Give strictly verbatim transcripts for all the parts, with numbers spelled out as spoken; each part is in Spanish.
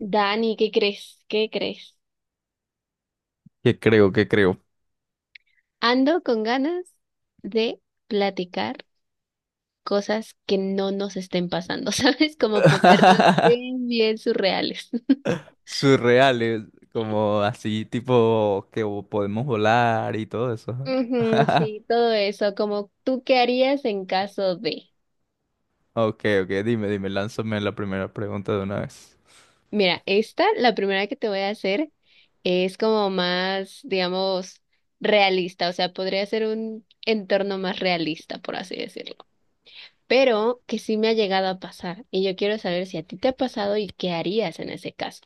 Dani, ¿qué crees? ¿Qué crees? ¿Qué creo? ¿Qué creo? Ando con ganas de platicar cosas que no nos estén pasando, ¿sabes? Como ponernos bien, bien surreales. Surreales, como así tipo que vo- podemos volar y todo eso. Ujú, sí, todo eso, como tú qué harías en caso de. Ok, ok, dime, dime, lánzame la primera pregunta de una vez. Mira, esta, la primera que te voy a hacer, es como más, digamos, realista, o sea, podría ser un entorno más realista, por así decirlo. Pero que sí me ha llegado a pasar y yo quiero saber si a ti te ha pasado y qué harías en ese caso.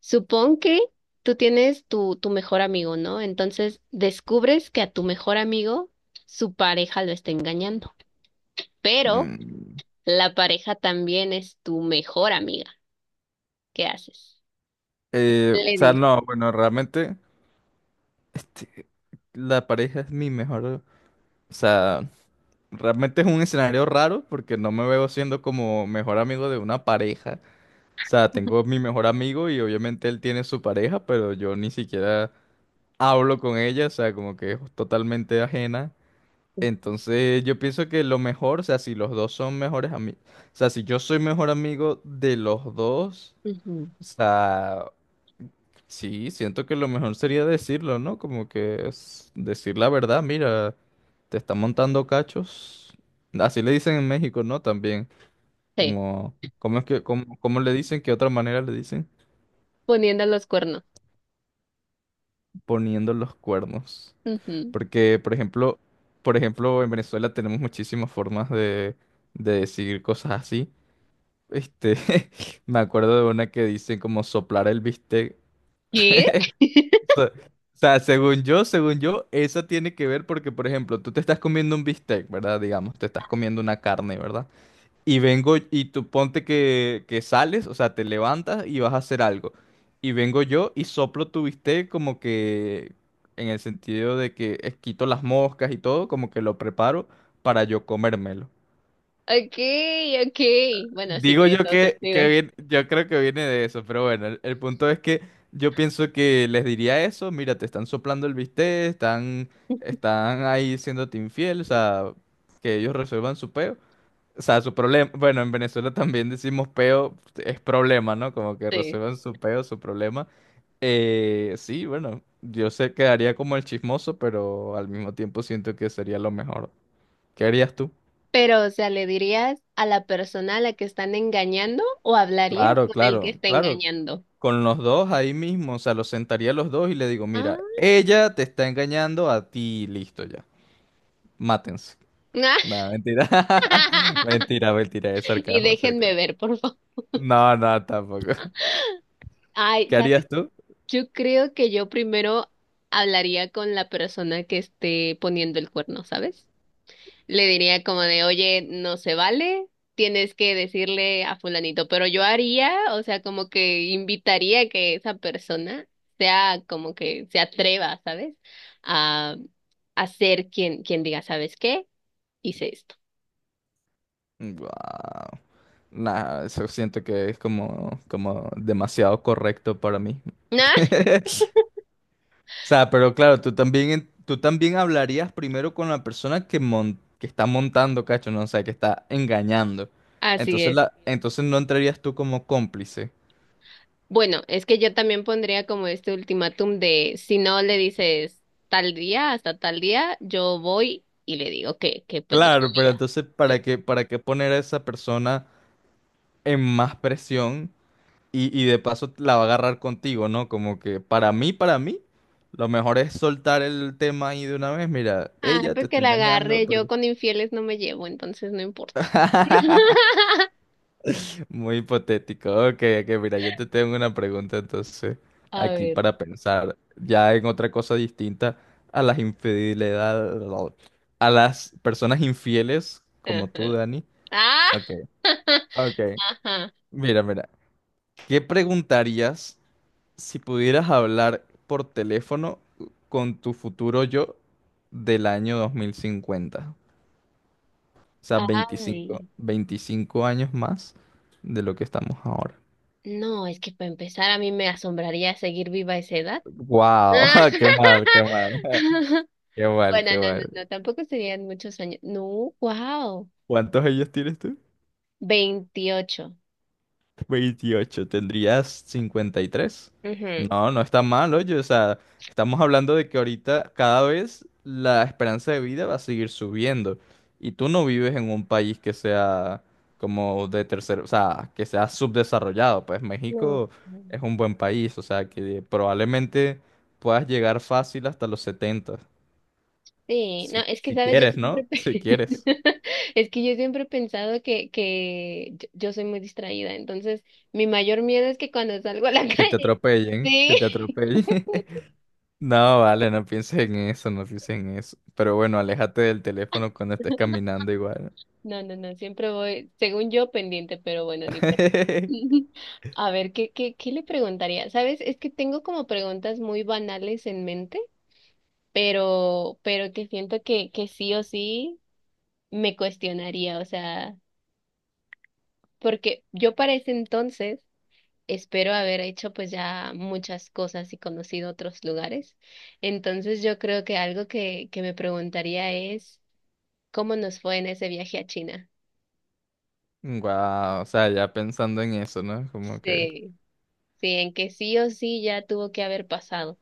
Supón que tú tienes tu, tu mejor amigo, ¿no? Entonces descubres que a tu mejor amigo su pareja lo está engañando, pero Mm, la pareja también es tu mejor amiga. ¿Qué haces? eh, o Le sea, dices, no, bueno, realmente este, la pareja es mi mejor, o sea, realmente es un escenario raro porque no me veo siendo como mejor amigo de una pareja. O sea, tengo mi mejor amigo y obviamente él tiene su pareja, pero yo ni siquiera hablo con ella, o sea, como que es totalmente ajena. Entonces yo pienso que lo mejor, o sea, si los dos son mejores amigos, o sea, si yo soy mejor amigo de los dos, ujú. o sea, sí, siento que lo mejor sería decirlo, ¿no? Como que es decir la verdad, mira, te está montando cachos. Así le dicen en México, ¿no? También, Sí, como, ¿cómo es que, cómo, cómo le dicen? ¿Qué otra manera le dicen? poniendo los cuernos. Poniendo los cuernos. Ujú. Porque, por ejemplo, por ejemplo, en Venezuela tenemos muchísimas formas de, de decir cosas así. Este, me acuerdo de una que dicen como soplar el bistec. ¿Qué? O sea, o sea, según yo, según yo, esa tiene que ver porque, por ejemplo, tú te estás comiendo un bistec, ¿verdad? Digamos, te estás comiendo una carne, ¿verdad? Y vengo y tú ponte que, que sales, o sea, te levantas y vas a hacer algo. Y vengo yo y soplo tu bistec como que en el sentido de que eh, quito las moscas y todo, como que lo preparo para yo comérmelo. Ok, ok. Bueno, sí Digo tiene yo todo que, que sentido. viene- yo creo que viene de eso, pero bueno, el, el punto es que yo pienso que les diría eso, mira, te están soplando el bistec, están, están ahí siéndote infiel, o sea, que ellos resuelvan su peo. O sea, su problema, bueno, en Venezuela también decimos peo, es problema, ¿no? Como que Sí. resuelvan su peo, su problema. Eh, sí, bueno, yo sé quedaría como el chismoso, pero al mismo tiempo siento que sería lo mejor. ¿Qué harías tú? Pero, o sea, ¿le dirías a la persona a la que están engañando o hablarías Claro, con el que claro, está claro. engañando? Con los dos ahí mismo, o sea, los sentaría a los dos y le digo, mira, Ah. ella te está engañando a ti, listo ya, mátense. No, mentira. Mentira, mentira, es Y sarcasmo, es déjenme sarcasmo. ver, por favor. No, no, tampoco. Ay, ¿Qué ¿sabes? harías tú? Yo creo que yo primero hablaría con la persona que esté poniendo el cuerno, ¿sabes? Le diría como de, oye, no se vale, tienes que decirle a fulanito, pero yo haría, o sea, como que invitaría a que esa persona sea como que se atreva, ¿sabes? A, a ser quien, quien diga, ¿sabes qué? Hice esto. Guau. Nah, eso siento que es como, como demasiado correcto para mí. O sea, pero claro, tú también, en- tú también hablarías primero con la persona que, mon- que está montando, cacho, no, o sea, que está engañando. Ah, así Entonces, es. la, entonces no entrarías tú como cómplice. Bueno, es que yo también pondría como este ultimátum de, si no le dices tal día, hasta tal día, yo voy y le digo que, que pues yo Claro, pero sabía. entonces, ¿para Sí. qué, para qué poner a esa persona en más presión? Y, y de paso la va a agarrar contigo, ¿no? Como que para mí, para mí, lo mejor es soltar el tema ahí de una vez. Mira, Ah, ella te pues que está la engañando. agarre. Yo porque- con infieles no me llevo, entonces no importa. Muy hipotético. Ok, ok, mira, yo te tengo una pregunta entonces A aquí ver. para pensar ya en otra cosa distinta a las infidelidades, a las personas infieles como tú, Ajá. Dani. Ah, Ok, ok. ajá. Mira, mira, ¿qué preguntarías? Si pudieras hablar por teléfono con tu futuro yo del año dos mil cincuenta, o sea, veinticinco Ay. veinticinco años más de lo que estamos ahora. No, es que para empezar a mí me asombraría seguir viva a esa edad. ¡Wow! ¡Qué mal, qué mal! ¡Qué mal, Bueno, qué no, no, no, mal! tampoco serían muchos años. No, wow. ¿Cuántos años tienes tú? Veintiocho. Veintiocho tendrías cincuenta y tres. Ujú. No, no está mal, oye, o sea, estamos hablando de que ahorita cada vez la esperanza de vida va a seguir subiendo y tú no vives en un país que sea como de tercer, o sea, que sea subdesarrollado, pues México No. es un buen país, o sea, que probablemente puedas llegar fácil hasta los setenta Sí, no, si, es que si sabes, yo quieres, siempre ¿no? Si pe- quieres, es que yo siempre he pensado que, que yo yo soy muy distraída, entonces mi mayor miedo es que cuando salgo a la que te calle, atropellen, que te sí, atropellen. No, vale, no pienses en eso, no pienses en eso. Pero bueno, aléjate del teléfono cuando estés caminando igual. no, no, no, siempre voy, según yo, pendiente, pero bueno, ni por... A ver, ¿qué, qué, qué le preguntaría? Sabes, es que tengo como preguntas muy banales en mente, pero, pero que siento que, que sí o sí me cuestionaría, o sea, porque yo para ese entonces espero haber hecho pues ya muchas cosas y conocido otros lugares. Entonces yo creo que algo que, que me preguntaría es ¿cómo nos fue en ese viaje a China? Wow, o sea, ya pensando en eso, ¿no? Como que... Sí, sí, en que sí o sí ya tuvo que haber pasado,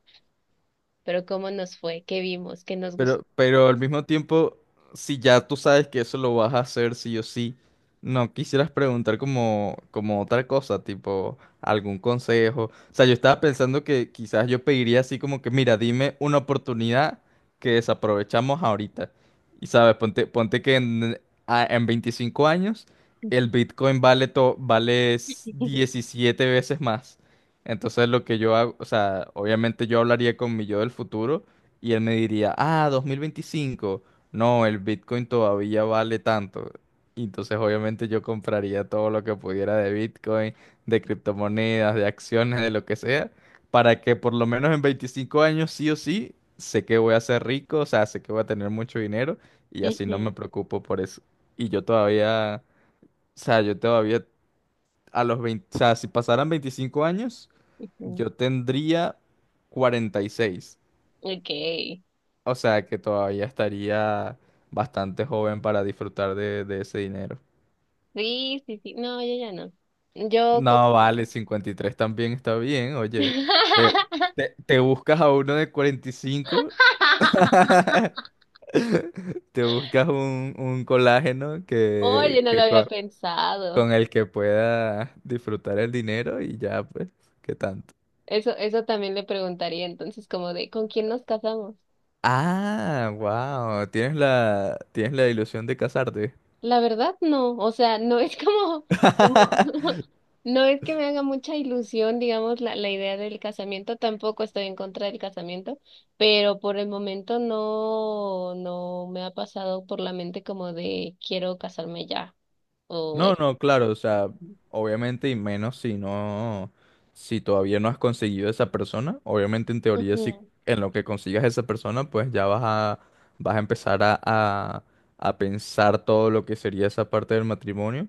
pero ¿cómo nos fue? ¿Qué vimos? ¿Qué nos gustó? Pero, pero al mismo tiempo, si ya tú sabes que eso lo vas a hacer sí o sí, no quisieras preguntar como, como otra cosa, tipo algún consejo. O sea, yo estaba pensando que quizás yo pediría así como que, mira, dime una oportunidad que desaprovechamos ahorita. Y sabes, ponte, ponte que en, a- en veinticinco años el Bitcoin vale, to- vale s- diecisiete veces más. Entonces lo que yo hago, o sea, obviamente yo hablaría con mi yo del futuro y él me diría, ah, dos mil veinticinco. No, el Bitcoin todavía vale tanto. Y entonces obviamente yo compraría todo lo que pudiera de Bitcoin, de criptomonedas, de acciones, de lo que sea, para que por lo menos en veinticinco años sí o sí, sé que voy a ser rico, o sea, sé que voy a tener mucho dinero y así no me Ujú, preocupo por eso. Y yo todavía, o sea, yo todavía a los veinte o sea, si pasaran veinticinco años, ujú. yo tendría cuarenta y seis. Okay. O sea que todavía estaría bastante joven para disfrutar de, de ese dinero. Sí, sí, sí. No, yo ya no. Yo como... No, vale, cincuenta y tres también está bien, oye. Te, te- te buscas a uno de cuarenta y cinco, te buscas un, un colágeno Oye, que, no lo que había co- pensado. con, el que puedas disfrutar el dinero y ya, pues, ¿qué tanto? Eso, eso también le preguntaría entonces, como de, ¿con quién nos casamos? Ah, wow, tienes la, tienes la ilusión de casarte. La verdad, no, o sea, no es como, como, no es que me haga mucha ilusión, digamos, la, la idea del casamiento, tampoco estoy en contra del casamiento, pero por el momento no, no me ha pasado por la mente como de, quiero casarme ya, o No, eh, no, claro, o sea, obviamente y menos si no, si todavía no has conseguido esa persona, obviamente en teoría si ujú. en lo que consigas esa persona, pues ya vas a, vas a empezar a, a, a pensar todo lo que sería esa parte del matrimonio,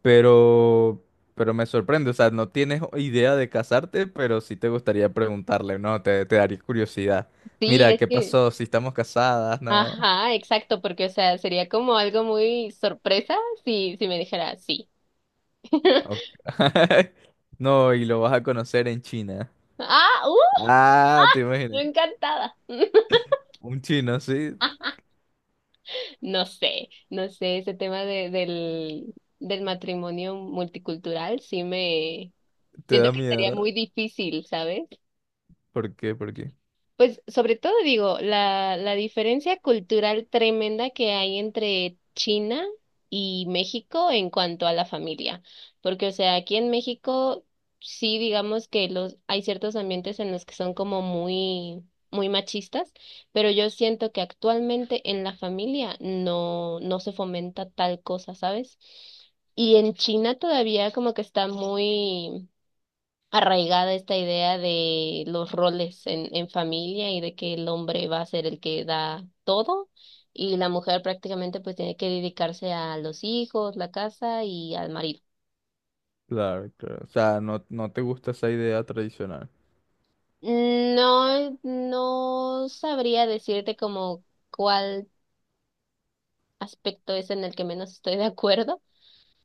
pero, pero me sorprende, o sea, no tienes idea de casarte, pero sí te gustaría preguntarle, ¿no? Te, te daría curiosidad. Sí, Mira, es ¿qué que, pasó? Si estamos casadas, ¿no? ajá, exacto, porque, o sea, sería como algo muy sorpresa si, si me dijera sí. Ok. No, y lo vas a conocer en China. Ah, Ah, te yo imaginas. encantada. Un chino así No sé, no sé, ese tema de, del, del matrimonio multicultural sí me te siento da que sería miedo. muy difícil, ¿sabes? ¿Por qué? ¿Por qué? Pues sobre todo digo, la, la diferencia cultural tremenda que hay entre China y México en cuanto a la familia, porque o sea, aquí en México sí digamos que los hay ciertos ambientes en los que son como muy muy machistas, pero yo siento que actualmente en la familia no no se fomenta tal cosa, ¿sabes? Y en China todavía como que está muy arraigada esta idea de los roles en, en familia y de que el hombre va a ser el que da todo y la mujer prácticamente pues tiene que dedicarse a los hijos, la casa y al marido. Claro, claro. O sea, no, no te gusta esa idea tradicional. No, no sabría decirte como cuál aspecto es en el que menos estoy de acuerdo,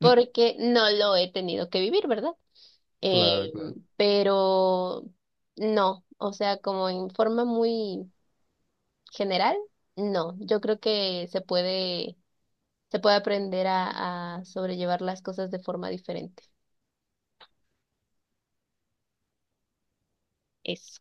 no lo he tenido que vivir, ¿verdad? Claro, Eh, claro. pero no, o sea, como en forma muy general, no. Yo creo que se puede, se puede aprender a, a sobrellevar las cosas de forma diferente. Eso.